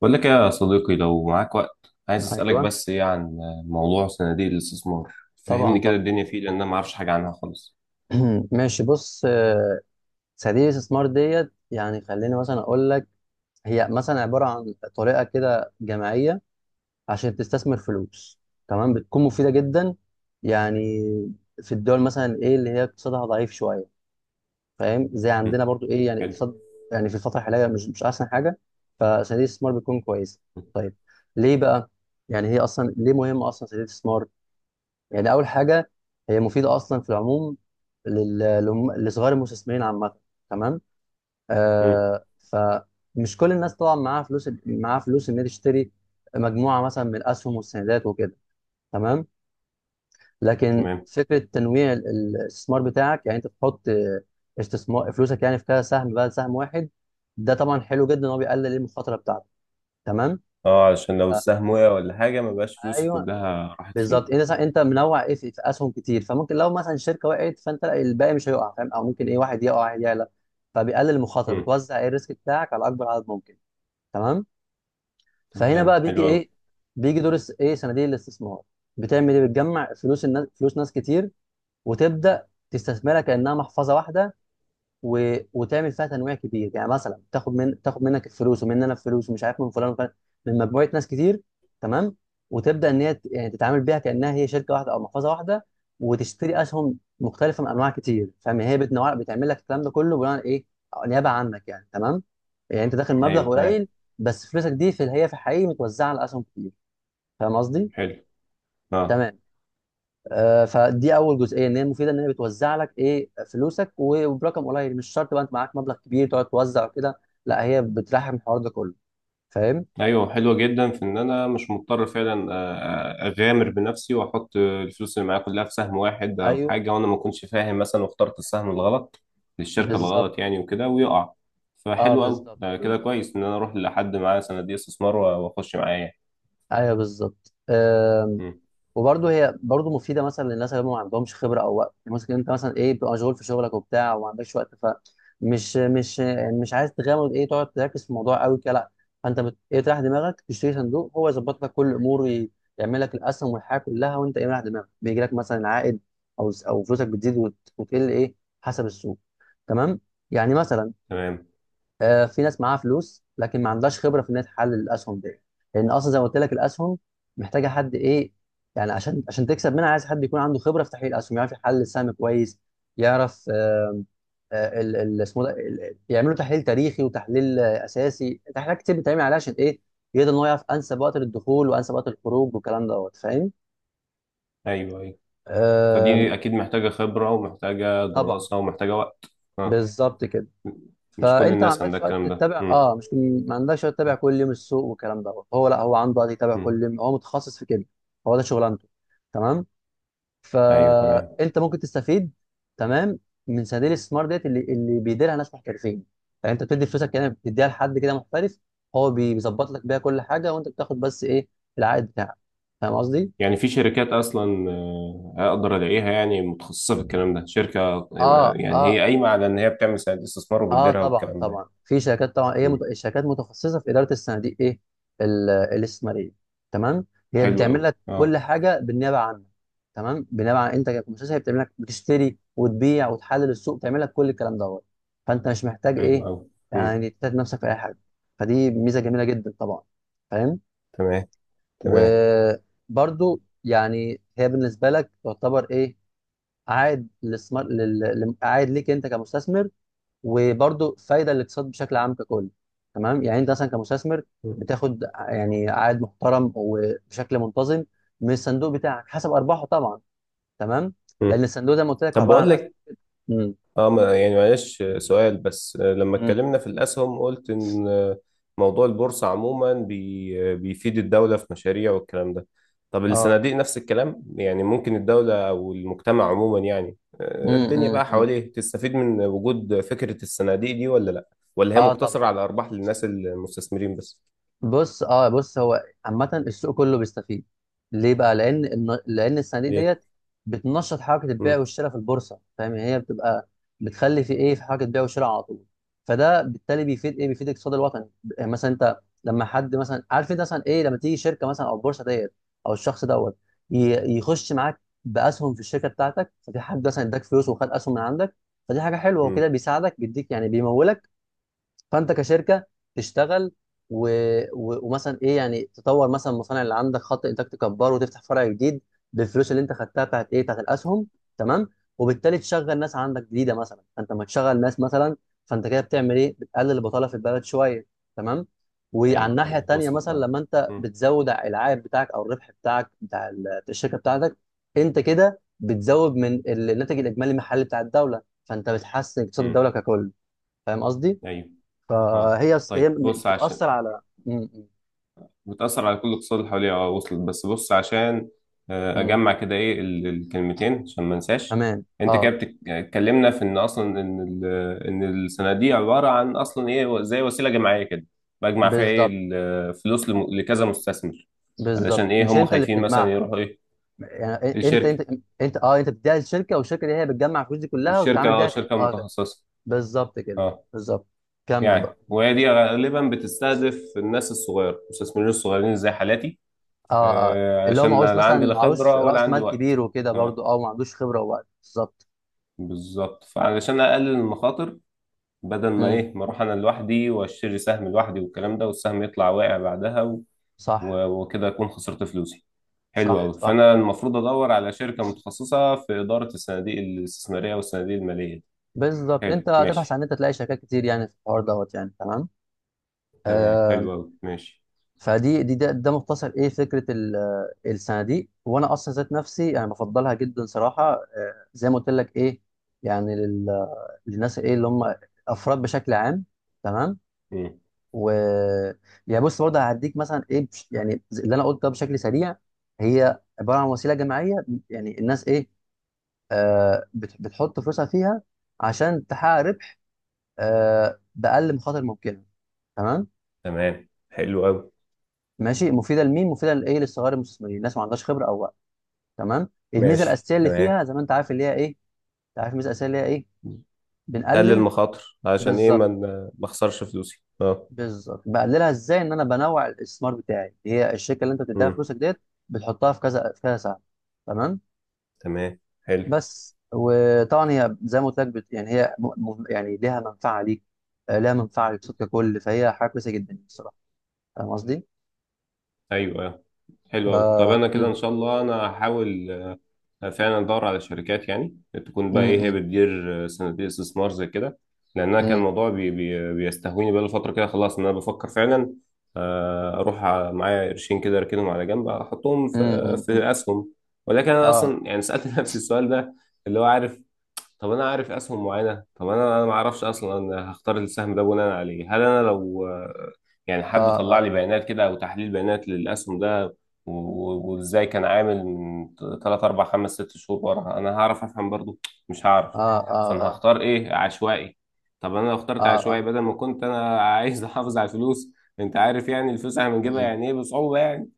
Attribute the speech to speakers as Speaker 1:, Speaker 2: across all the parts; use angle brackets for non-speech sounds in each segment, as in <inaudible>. Speaker 1: بقول لك إيه يا صديقي؟ لو معاك وقت عايز أسألك
Speaker 2: ايوه،
Speaker 1: بس إيه عن موضوع صناديق الاستثمار.
Speaker 2: طبعا
Speaker 1: فهمني كده
Speaker 2: طبعا.
Speaker 1: الدنيا فيه، لأن أنا ما أعرفش حاجة عنها خالص.
Speaker 2: <clears throat> ماشي، بص صناديق الاستثمار ديت يعني خليني مثلا اقول لك. هي مثلا عباره عن طريقه كده جماعيه عشان تستثمر فلوس. تمام. بتكون مفيده جدا يعني في الدول مثلا ايه اللي هي اقتصادها ضعيف شويه، فاهم؟ زي
Speaker 1: مم.
Speaker 2: عندنا برضو، ايه يعني
Speaker 1: حلو.
Speaker 2: اقتصاد يعني في الفتره الحاليه مش احسن حاجه، فصناديق الاستثمار بتكون كويسه. طيب، ليه بقى؟ يعني هي اصلا ليه مهمه اصلا صناديق الاستثمار؟ يعني اول حاجه، هي مفيده اصلا في العموم لصغار المستثمرين عامه. تمام.
Speaker 1: مم.
Speaker 2: آه، فمش كل الناس طبعا معاها فلوس، معاها فلوس ان هي تشتري مجموعه مثلا من الاسهم والسندات وكده. تمام. لكن
Speaker 1: تمام.
Speaker 2: فكره تنويع الاستثمار بتاعك، يعني انت تحط استثمار فلوسك يعني في كذا سهم بدل سهم واحد. ده طبعا حلو جدا ان هو بيقلل المخاطره بتاعتك. تمام.
Speaker 1: أه، علشان لو
Speaker 2: آه،
Speaker 1: السهم وقع ولا حاجة ما بقاش فلوسي
Speaker 2: ايوه
Speaker 1: كلها راحت فيه.
Speaker 2: بالظبط. انت منوع، ايه، في اسهم كتير، فممكن لو مثلا شركه وقعت فانت الباقي مش هيقع، فاهم؟ او ممكن ايه، واحد يقع واحد يعلى، فبيقلل المخاطره،
Speaker 1: مم.
Speaker 2: بتوزع ايه الريسك بتاعك على اكبر عدد ممكن. تمام. فهنا
Speaker 1: تمام،
Speaker 2: بقى بيجي
Speaker 1: حلو أوي.
Speaker 2: ايه، بيجي دور ايه صناديق الاستثمار. بتعمل ايه؟ بتجمع فلوس الناس، فلوس ناس كتير، وتبدا تستثمرها كانها محفظه واحده، وتعمل فيها تنويع كبير. يعني مثلا تاخد منك الفلوس ومن انا الفلوس ومش عارف من فلان وفلان، من مجموعه ناس كتير. تمام. وتبدا ان هي يعني تتعامل بيها كانها هي شركه واحده او محفظه واحده، وتشتري اسهم مختلفه من انواع كتير، فاهم؟ هي بتنوع، بتعمل لك الكلام ده كله بناء على ايه، نيابه عنك يعني. تمام. يعني انت داخل
Speaker 1: أيوه
Speaker 2: مبلغ
Speaker 1: تمام.
Speaker 2: قليل بس فلوسك دي في، هي في الحقيقه متوزعه على اسهم كتير، فاهم قصدي؟
Speaker 1: حلو. أه،
Speaker 2: تمام. فدي اول جزئيه، ان هي مفيده، ان هي بتوزع لك ايه فلوسك وبرقم قليل. مش شرط بقى انت معاك مبلغ كبير تقعد توزع وكده، لا، هي بترحم الحوار ده كله، فاهم؟
Speaker 1: ايوه، حلوه جدا في ان انا مش مضطر فعلا اغامر بنفسي واحط الفلوس اللي معايا كلها في سهم واحد او
Speaker 2: ايوه
Speaker 1: حاجه، وانا ما كنتش فاهم مثلا واخترت السهم الغلط للشركه
Speaker 2: بالظبط.
Speaker 1: الغلط يعني وكده ويقع.
Speaker 2: اه
Speaker 1: فحلو قوي
Speaker 2: بالظبط
Speaker 1: ده، كده
Speaker 2: بالظبط.
Speaker 1: كويس ان انا اروح لحد معاه صناديق استثمار واخش معاه يعني.
Speaker 2: ايوه بالظبط.
Speaker 1: مم.
Speaker 2: وبرضه هي برضه مفيده مثلا للناس اللي هم ما عندهمش خبره او وقت. ممكن انت مثلا ايه، بتبقى مشغول في شغلك وبتاع وما عندكش وقت، فمش مش عايز تغامر، ايه، تقعد تركز في الموضوع قوي كده، لا، فانت ايه تريح دماغك، تشتري صندوق هو يظبط لك كل الامور، يعمل لك الاسهم والحياه كلها، وانت ايه مريح دماغك، بيجي لك مثلا عائد او فلوسك بتزيد وتقل ايه حسب السوق. تمام. يعني مثلا
Speaker 1: تمام.
Speaker 2: في ناس معاها فلوس لكن ما عندهاش خبره في ان هي تحلل الاسهم دي، لان اصلا زي ما قلت لك الاسهم محتاجه حد ايه، يعني عشان تكسب منها عايز حد يكون عنده خبره في تحليل الاسهم، يعرف يحلل السهم كويس، يعرف اسمه ده يعملوا تحليل تاريخي وتحليل اساسي، تحليلات كتير بتتعمل عليها عشان ايه، يقدر ان هو يعرف انسب وقت للدخول وانسب وقت الخروج والكلام دوت، فاهم؟
Speaker 1: ايوه ايوه،
Speaker 2: آه،
Speaker 1: فدي اكيد محتاجه خبره ومحتاجه
Speaker 2: طبعا.
Speaker 1: دراسه ومحتاجه وقت. آه.
Speaker 2: بالظبط كده.
Speaker 1: مش كل
Speaker 2: فانت ما
Speaker 1: الناس
Speaker 2: عندكش
Speaker 1: عندها
Speaker 2: وقت
Speaker 1: الكلام ده.
Speaker 2: تتابع،
Speaker 1: مم.
Speaker 2: اه، مش ما عندكش وقت تتابع كل يوم السوق والكلام دوت، هو لا، هو عنده وقت يتابع
Speaker 1: مم.
Speaker 2: كل يوم، هو متخصص في كده، هو ده شغلانته. تمام.
Speaker 1: ايوه تمام.
Speaker 2: فانت ممكن تستفيد. تمام. من صناديق الاستثمار ديت اللي بيديرها ناس محترفين. يعني انت بتدي فلوسك كده، بتديها لحد كده محترف، هو بيظبط لك بيها كل حاجه، وانت بتاخد بس ايه، العائد بتاعك، فاهم قصدي؟
Speaker 1: يعني في شركات اصلا اقدر الاقيها يعني متخصصه في الكلام ده، شركه
Speaker 2: اه
Speaker 1: يعني هي
Speaker 2: اه
Speaker 1: قايمه على ان هي بتعمل سند استثمار
Speaker 2: اه.
Speaker 1: وبتديرها
Speaker 2: طبعا
Speaker 1: والكلام ده يعني.
Speaker 2: طبعا. في شركات، طبعا هي
Speaker 1: مم.
Speaker 2: الشركات متخصصه في اداره الصناديق، ايه، الاستثماريه. تمام. هي
Speaker 1: حلو
Speaker 2: بتعمل
Speaker 1: قوي،
Speaker 2: لك
Speaker 1: اه.
Speaker 2: كل حاجه بالنيابه عنك. تمام. بالنيابه عن انت كمؤسسه، هي بتعمل لك، بتشتري وتبيع وتحلل السوق، بتعمل لك كل الكلام دوت، فانت مش محتاج
Speaker 1: حلو
Speaker 2: ايه،
Speaker 1: قوي.
Speaker 2: يعني تتعب نفسك في اي حاجه، فدي ميزه جميله جدا طبعا، فاهم؟
Speaker 1: تمام. تمام.
Speaker 2: وبرده يعني هي بالنسبه لك تعتبر ايه، عائد للاستثمار، عائد ليك انت كمستثمر، وبرضه فايده للاقتصاد بشكل عام ككل. تمام. يعني انت مثلا كمستثمر
Speaker 1: مم.
Speaker 2: بتاخد يعني عائد محترم وبشكل منتظم من الصندوق بتاعك حسب ارباحه طبعا. تمام. لان
Speaker 1: مم.
Speaker 2: الصندوق زي ما قلت لك هو
Speaker 1: طب
Speaker 2: عباره عن
Speaker 1: بقول
Speaker 2: اسهم.
Speaker 1: لك،
Speaker 2: امم
Speaker 1: اه، يعني معلش سؤال بس. لما
Speaker 2: امم
Speaker 1: اتكلمنا في الأسهم قلت إن موضوع البورصة عموما بيفيد الدولة في مشاريع والكلام ده. طب
Speaker 2: اه.
Speaker 1: الصناديق نفس الكلام يعني؟ ممكن الدولة أو المجتمع عموما، يعني
Speaker 2: امم
Speaker 1: الدنيا بقى
Speaker 2: امم
Speaker 1: حواليه، تستفيد من وجود فكرة الصناديق دي ولا لأ؟ ولا هي
Speaker 2: اه
Speaker 1: مقتصرة
Speaker 2: طبعا.
Speaker 1: على أرباح للناس المستثمرين بس؟
Speaker 2: بص، اه، بص، هو عامة السوق كله بيستفيد. ليه بقى؟ لأن الصناديق
Speaker 1: ليه؟
Speaker 2: ديت بتنشط حركة البيع
Speaker 1: مم.
Speaker 2: والشراء في البورصة، فاهم؟ يعني هي بتبقى بتخلي في إيه، في حركة بيع وشراء على طول، فده بالتالي بيفيد إيه؟ بيفيد الاقتصاد الوطني. يعني مثلا أنت لما حد مثلا، عارف أنت مثلا إيه، لما تيجي شركة مثلا أو البورصة ديت أو الشخص دوت يخش معاك بأسهم في الشركة بتاعتك، ففي حد مثلا اداك فلوس وخد أسهم من عندك، فدي حاجة حلوة وكده،
Speaker 1: مم.
Speaker 2: بيساعدك، بيديك يعني، بيمولك، فانت كشركه تشتغل و... ومثلا ايه يعني تطور مثلا المصانع اللي عندك، خط انتاج تكبره، وتفتح فرع جديد بالفلوس اللي انت خدتها بتاعت ايه، بتاعت الاسهم. تمام. وبالتالي تشغل ناس عندك جديده مثلا، فانت لما تشغل ناس مثلا، فانت كده بتعمل ايه، بتقلل البطاله في البلد شويه. تمام. وعلى
Speaker 1: ايوه
Speaker 2: الناحيه
Speaker 1: ايوه
Speaker 2: التانيه،
Speaker 1: وصلت،
Speaker 2: مثلا
Speaker 1: اه.
Speaker 2: لما انت
Speaker 1: مم.
Speaker 2: بتزود العائد بتاعك او الربح بتاعك بتاع الشركه بتاعتك، انت كده بتزود من الناتج الاجمالي المحلي بتاع الدوله، فانت بتحسن اقتصاد
Speaker 1: مم.
Speaker 2: الدوله ككل، فاهم قصدي؟
Speaker 1: ايوه. اه.
Speaker 2: فهي هي
Speaker 1: طيب بص عشان
Speaker 2: بتأثر على م- م-
Speaker 1: بتأثر على كل الاقتصاد اللي حواليها، اه وصلت. بس بص عشان
Speaker 2: م.
Speaker 1: أجمع كده إيه الكلمتين عشان ما انساش.
Speaker 2: تمام.
Speaker 1: أنت كده
Speaker 2: اه
Speaker 1: اتكلمنا في إن أصلا إن إن السنة دي عبارة عن أصلا إيه، زي وسيلة جماعية كده. بجمع فيها إيه؟
Speaker 2: بالظبط
Speaker 1: الفلوس لكذا مستثمر.
Speaker 2: بالظبط.
Speaker 1: علشان إيه؟
Speaker 2: مش
Speaker 1: هم
Speaker 2: انت اللي
Speaker 1: خايفين مثلا
Speaker 2: بتجمعها،
Speaker 1: يروحوا إيه؟
Speaker 2: يعني إ- انت
Speaker 1: الشركة.
Speaker 2: انت انت، اه، انت بتديها للشركه، والشركه دي هي بتجمع الفلوس دي كلها
Speaker 1: الشركة،
Speaker 2: وبتتعامل
Speaker 1: اه،
Speaker 2: بيها
Speaker 1: شركة
Speaker 2: اه كده.
Speaker 1: متخصصة.
Speaker 2: بالظبط كده.
Speaker 1: اه.
Speaker 2: بالظبط. كمل
Speaker 1: يعني
Speaker 2: بقى.
Speaker 1: وهي دي غالبا بتستهدف الناس الصغيرة، المستثمرين الصغيرين زي حالاتي.
Speaker 2: اه اه، اللي هو
Speaker 1: علشان
Speaker 2: معهوش
Speaker 1: لا لا عندي
Speaker 2: مثلا،
Speaker 1: لا
Speaker 2: معهوش
Speaker 1: خبرة ولا
Speaker 2: رأس
Speaker 1: عندي
Speaker 2: مال
Speaker 1: وقت.
Speaker 2: كبير وكده،
Speaker 1: اه.
Speaker 2: برضو اه ما عندوش خبره ووقت، بالظبط.
Speaker 1: بالظبط. فعلشان اقلل المخاطر، بدل ما
Speaker 2: امم
Speaker 1: ايه ما اروح انا لوحدي واشتري سهم لوحدي والكلام ده والسهم يطلع واقع بعدها
Speaker 2: صح
Speaker 1: وكده اكون خسرت فلوسي. حلو
Speaker 2: صح
Speaker 1: قوي.
Speaker 2: صح.
Speaker 1: فانا المفروض ادور على شركه متخصصه في اداره الصناديق الاستثماريه والصناديق الماليه دي.
Speaker 2: بالظبط. انت
Speaker 1: حلو،
Speaker 2: هتبحث عن
Speaker 1: ماشي.
Speaker 2: إن انت تلاقي شركات كتير يعني في الحوار دوت يعني. تمام.
Speaker 1: تمام، حلو
Speaker 2: آه،
Speaker 1: قوي، ماشي.
Speaker 2: ده مختصر ايه فكره الصناديق، وانا اصلا ذات نفسي انا بفضلها جدا صراحه. زي ما قلت لك ايه، يعني للناس ايه اللي هم افراد بشكل عام. تمام.
Speaker 1: مم.
Speaker 2: و يعني بص برضه هديك مثلا ايه يعني زي اللي انا قلته ده بشكل سريع. هي عباره عن وسيله جماعيه، يعني الناس ايه، بتحط فلوسها فيها عشان تحقق ربح باقل مخاطر ممكنه. تمام.
Speaker 1: تمام، حلو قوي،
Speaker 2: ماشي، مفيده لمين، مفيده لايه؟ للصغار المستثمرين، الناس ما عندهاش خبره او. تمام. الميزه
Speaker 1: ماشي.
Speaker 2: الاساسيه اللي
Speaker 1: تمام.
Speaker 2: فيها زي ما انت عارف اللي هي ايه، انت عارف الميزه الاساسيه اللي هي ايه،
Speaker 1: تقلل
Speaker 2: بنقلل.
Speaker 1: المخاطر عشان ايه،
Speaker 2: بالظبط.
Speaker 1: ما ما اخسرش فلوسي، اه.
Speaker 2: بالظبط. بقللها ازاي، ان انا بنوع الاستثمار بتاعي. هي الشركه اللي انت بتديها
Speaker 1: مم.
Speaker 2: فلوسك ديت بتحطها في كذا، في كذا سهم. تمام.
Speaker 1: تمام، حلو.
Speaker 2: بس. وطبعا هي زي ما قلت لك يعني هي يعني ليها منفعه ليك، ليها منفعه للصوت ككل، فهي حاجه كويسه جدا يعني الصراحه، فاهم قصدي؟
Speaker 1: ايوه.
Speaker 2: ف
Speaker 1: حلو أوي. طب أنا كده إن
Speaker 2: امم
Speaker 1: شاء الله أنا هحاول فعلا أدور على شركات يعني تكون بقى إيه، هي
Speaker 2: امم
Speaker 1: بتدير صناديق استثمار زي كده. لأن أنا كان
Speaker 2: امم
Speaker 1: الموضوع بي بي بيستهويني بقى فترة كده، خلاص إن أنا بفكر فعلا معايا قرشين كده أركنهم على جنب، أحطهم
Speaker 2: امم.
Speaker 1: في أسهم. ولكن أنا
Speaker 2: اه
Speaker 1: أصلا يعني سألت <laughs> نفسي السؤال ده، اللي هو عارف. طب انا عارف اسهم معينه، طب انا ما اعرفش اصلا. انا هختار السهم ده بناء على ايه؟ هل انا لو يعني حد
Speaker 2: اه
Speaker 1: طلع
Speaker 2: اه
Speaker 1: لي بيانات كده او تحليل بيانات للاسهم ده وازاي كان عامل من 3 4 5 6 شهور ورا، انا هعرف افهم برضو؟ مش هعرف.
Speaker 2: اه اه
Speaker 1: فانا
Speaker 2: اه.
Speaker 1: هختار ايه؟ عشوائي. طب انا لو اخترت
Speaker 2: اه,
Speaker 1: عشوائي
Speaker 2: آه.
Speaker 1: بدل ما كنت انا عايز <laughs> احافظ على الفلوس. انت عارف يعني الفلوس احنا بنجيبها
Speaker 2: مم.
Speaker 1: يعني ايه، بصعوبه يعني.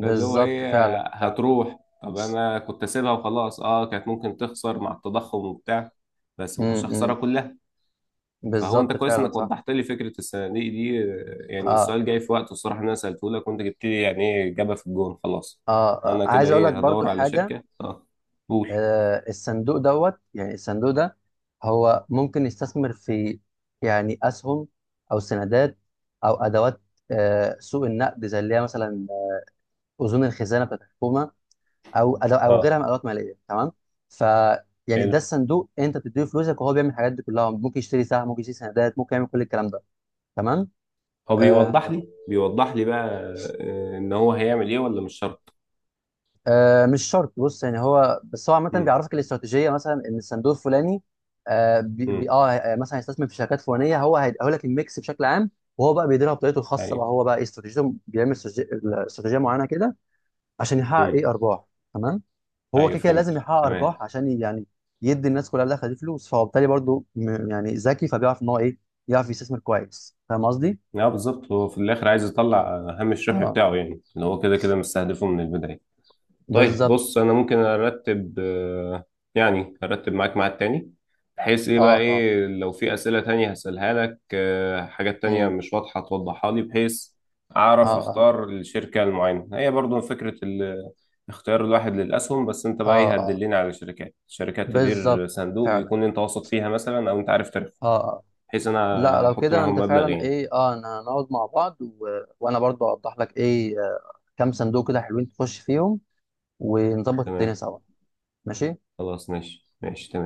Speaker 1: فاللي هو ايه،
Speaker 2: فعلا فعلا.
Speaker 1: هتروح. طب انا كنت اسيبها وخلاص، اه، كانت ممكن تخسر مع التضخم وبتاع، بس ما كنتش
Speaker 2: امم
Speaker 1: اخسرها
Speaker 2: امم.
Speaker 1: كلها. فهو انت
Speaker 2: بالظبط
Speaker 1: كويس
Speaker 2: فعلا
Speaker 1: انك
Speaker 2: صح.
Speaker 1: وضحت لي فكره الصناديق دي. يعني
Speaker 2: آه
Speaker 1: السؤال جاي في وقته الصراحه، إن انا سالته لك وانت جبت لي يعني ايه اجابه في الجون. خلاص
Speaker 2: آه،
Speaker 1: انا كده
Speaker 2: عايز اقول لك
Speaker 1: ايه،
Speaker 2: برضو
Speaker 1: هدور على
Speaker 2: حاجه.
Speaker 1: شركه، اه. قول.
Speaker 2: الصندوق دوت، يعني الصندوق ده هو ممكن يستثمر في يعني اسهم او سندات او ادوات سوق النقد، زي اللي هي مثلا اذون الخزانه بتاعت الحكومه، او أدو او
Speaker 1: اه.
Speaker 2: غيرها من ادوات ماليه. تمام. ف يعني
Speaker 1: حلو.
Speaker 2: ده الصندوق، انت بتديله فلوسك وهو بيعمل الحاجات دي كلها، ممكن يشتري سهم، ممكن يشتري سندات، ممكن يعمل كل الكلام ده. تمام.
Speaker 1: هو
Speaker 2: آه،
Speaker 1: بيوضح لي، بيوضح لي بقى ان هو هيعمل ايه ولا مش شرط؟
Speaker 2: آه مش شرط. بص، يعني هو بس هو عامة
Speaker 1: امم.
Speaker 2: بيعرفك الاستراتيجية، مثلا ان الصندوق الفلاني آه بي بي
Speaker 1: امم.
Speaker 2: اه آه، مثلا هيستثمر في شركات فلانية، هو هيقول لك الميكس بشكل عام، وهو بقى بيديرها بطريقته الخاصة
Speaker 1: ايوه.
Speaker 2: بقى، هو بقى إيه استراتيجيته، بيعمل استراتيجية معينة كده عشان يحقق
Speaker 1: امم.
Speaker 2: ايه ارباح. تمام. هو
Speaker 1: ايوه،
Speaker 2: كده كده
Speaker 1: فهمت.
Speaker 2: لازم يحقق
Speaker 1: تمام.
Speaker 2: ارباح عشان يعني يدي الناس كلها اللي خدت فلوس، فهو بالتالي برضه يعني ذكي، فبيعرف ان هو ايه، يعرف يستثمر كويس، فاهم قصدي؟
Speaker 1: اه بالظبط، هو في الاخر عايز يطلع هامش الربح
Speaker 2: اه
Speaker 1: بتاعه يعني، اللي هو كده كده مستهدفه من البدايه. طيب
Speaker 2: بالظبط.
Speaker 1: بص، انا ممكن ارتب يعني ارتب معاك ميعاد تاني، بحيث ايه
Speaker 2: اه
Speaker 1: بقى،
Speaker 2: اه.
Speaker 1: ايه لو في اسئله تانية هسألها لك حاجات تانية
Speaker 2: امم
Speaker 1: مش واضحه توضحها لي، بحيث
Speaker 2: اه
Speaker 1: اعرف
Speaker 2: اه
Speaker 1: اختار الشركه المعينه. هي برضو فكره اختيار الواحد للاسهم. بس انت بقى
Speaker 2: اه
Speaker 1: ايه،
Speaker 2: اه
Speaker 1: هتدلني على شركات
Speaker 2: بالظبط
Speaker 1: تدير صندوق
Speaker 2: فعلا.
Speaker 1: ويكون انت واثق فيها مثلا او انت عارف تاريخها،
Speaker 2: اه آه.
Speaker 1: بحيث انا
Speaker 2: لا لو
Speaker 1: هحط
Speaker 2: كده
Speaker 1: معاهم
Speaker 2: انت
Speaker 1: مبلغ
Speaker 2: فعلا
Speaker 1: يعني.
Speaker 2: ايه، اه انا نقعد مع بعض وانا برضو اوضح لك ايه، كام صندوق كده حلوين تخش فيهم، ونظبط الدنيا
Speaker 1: تمام.
Speaker 2: سوا. ماشي.
Speaker 1: خلاص ماشي، ماشي تمام.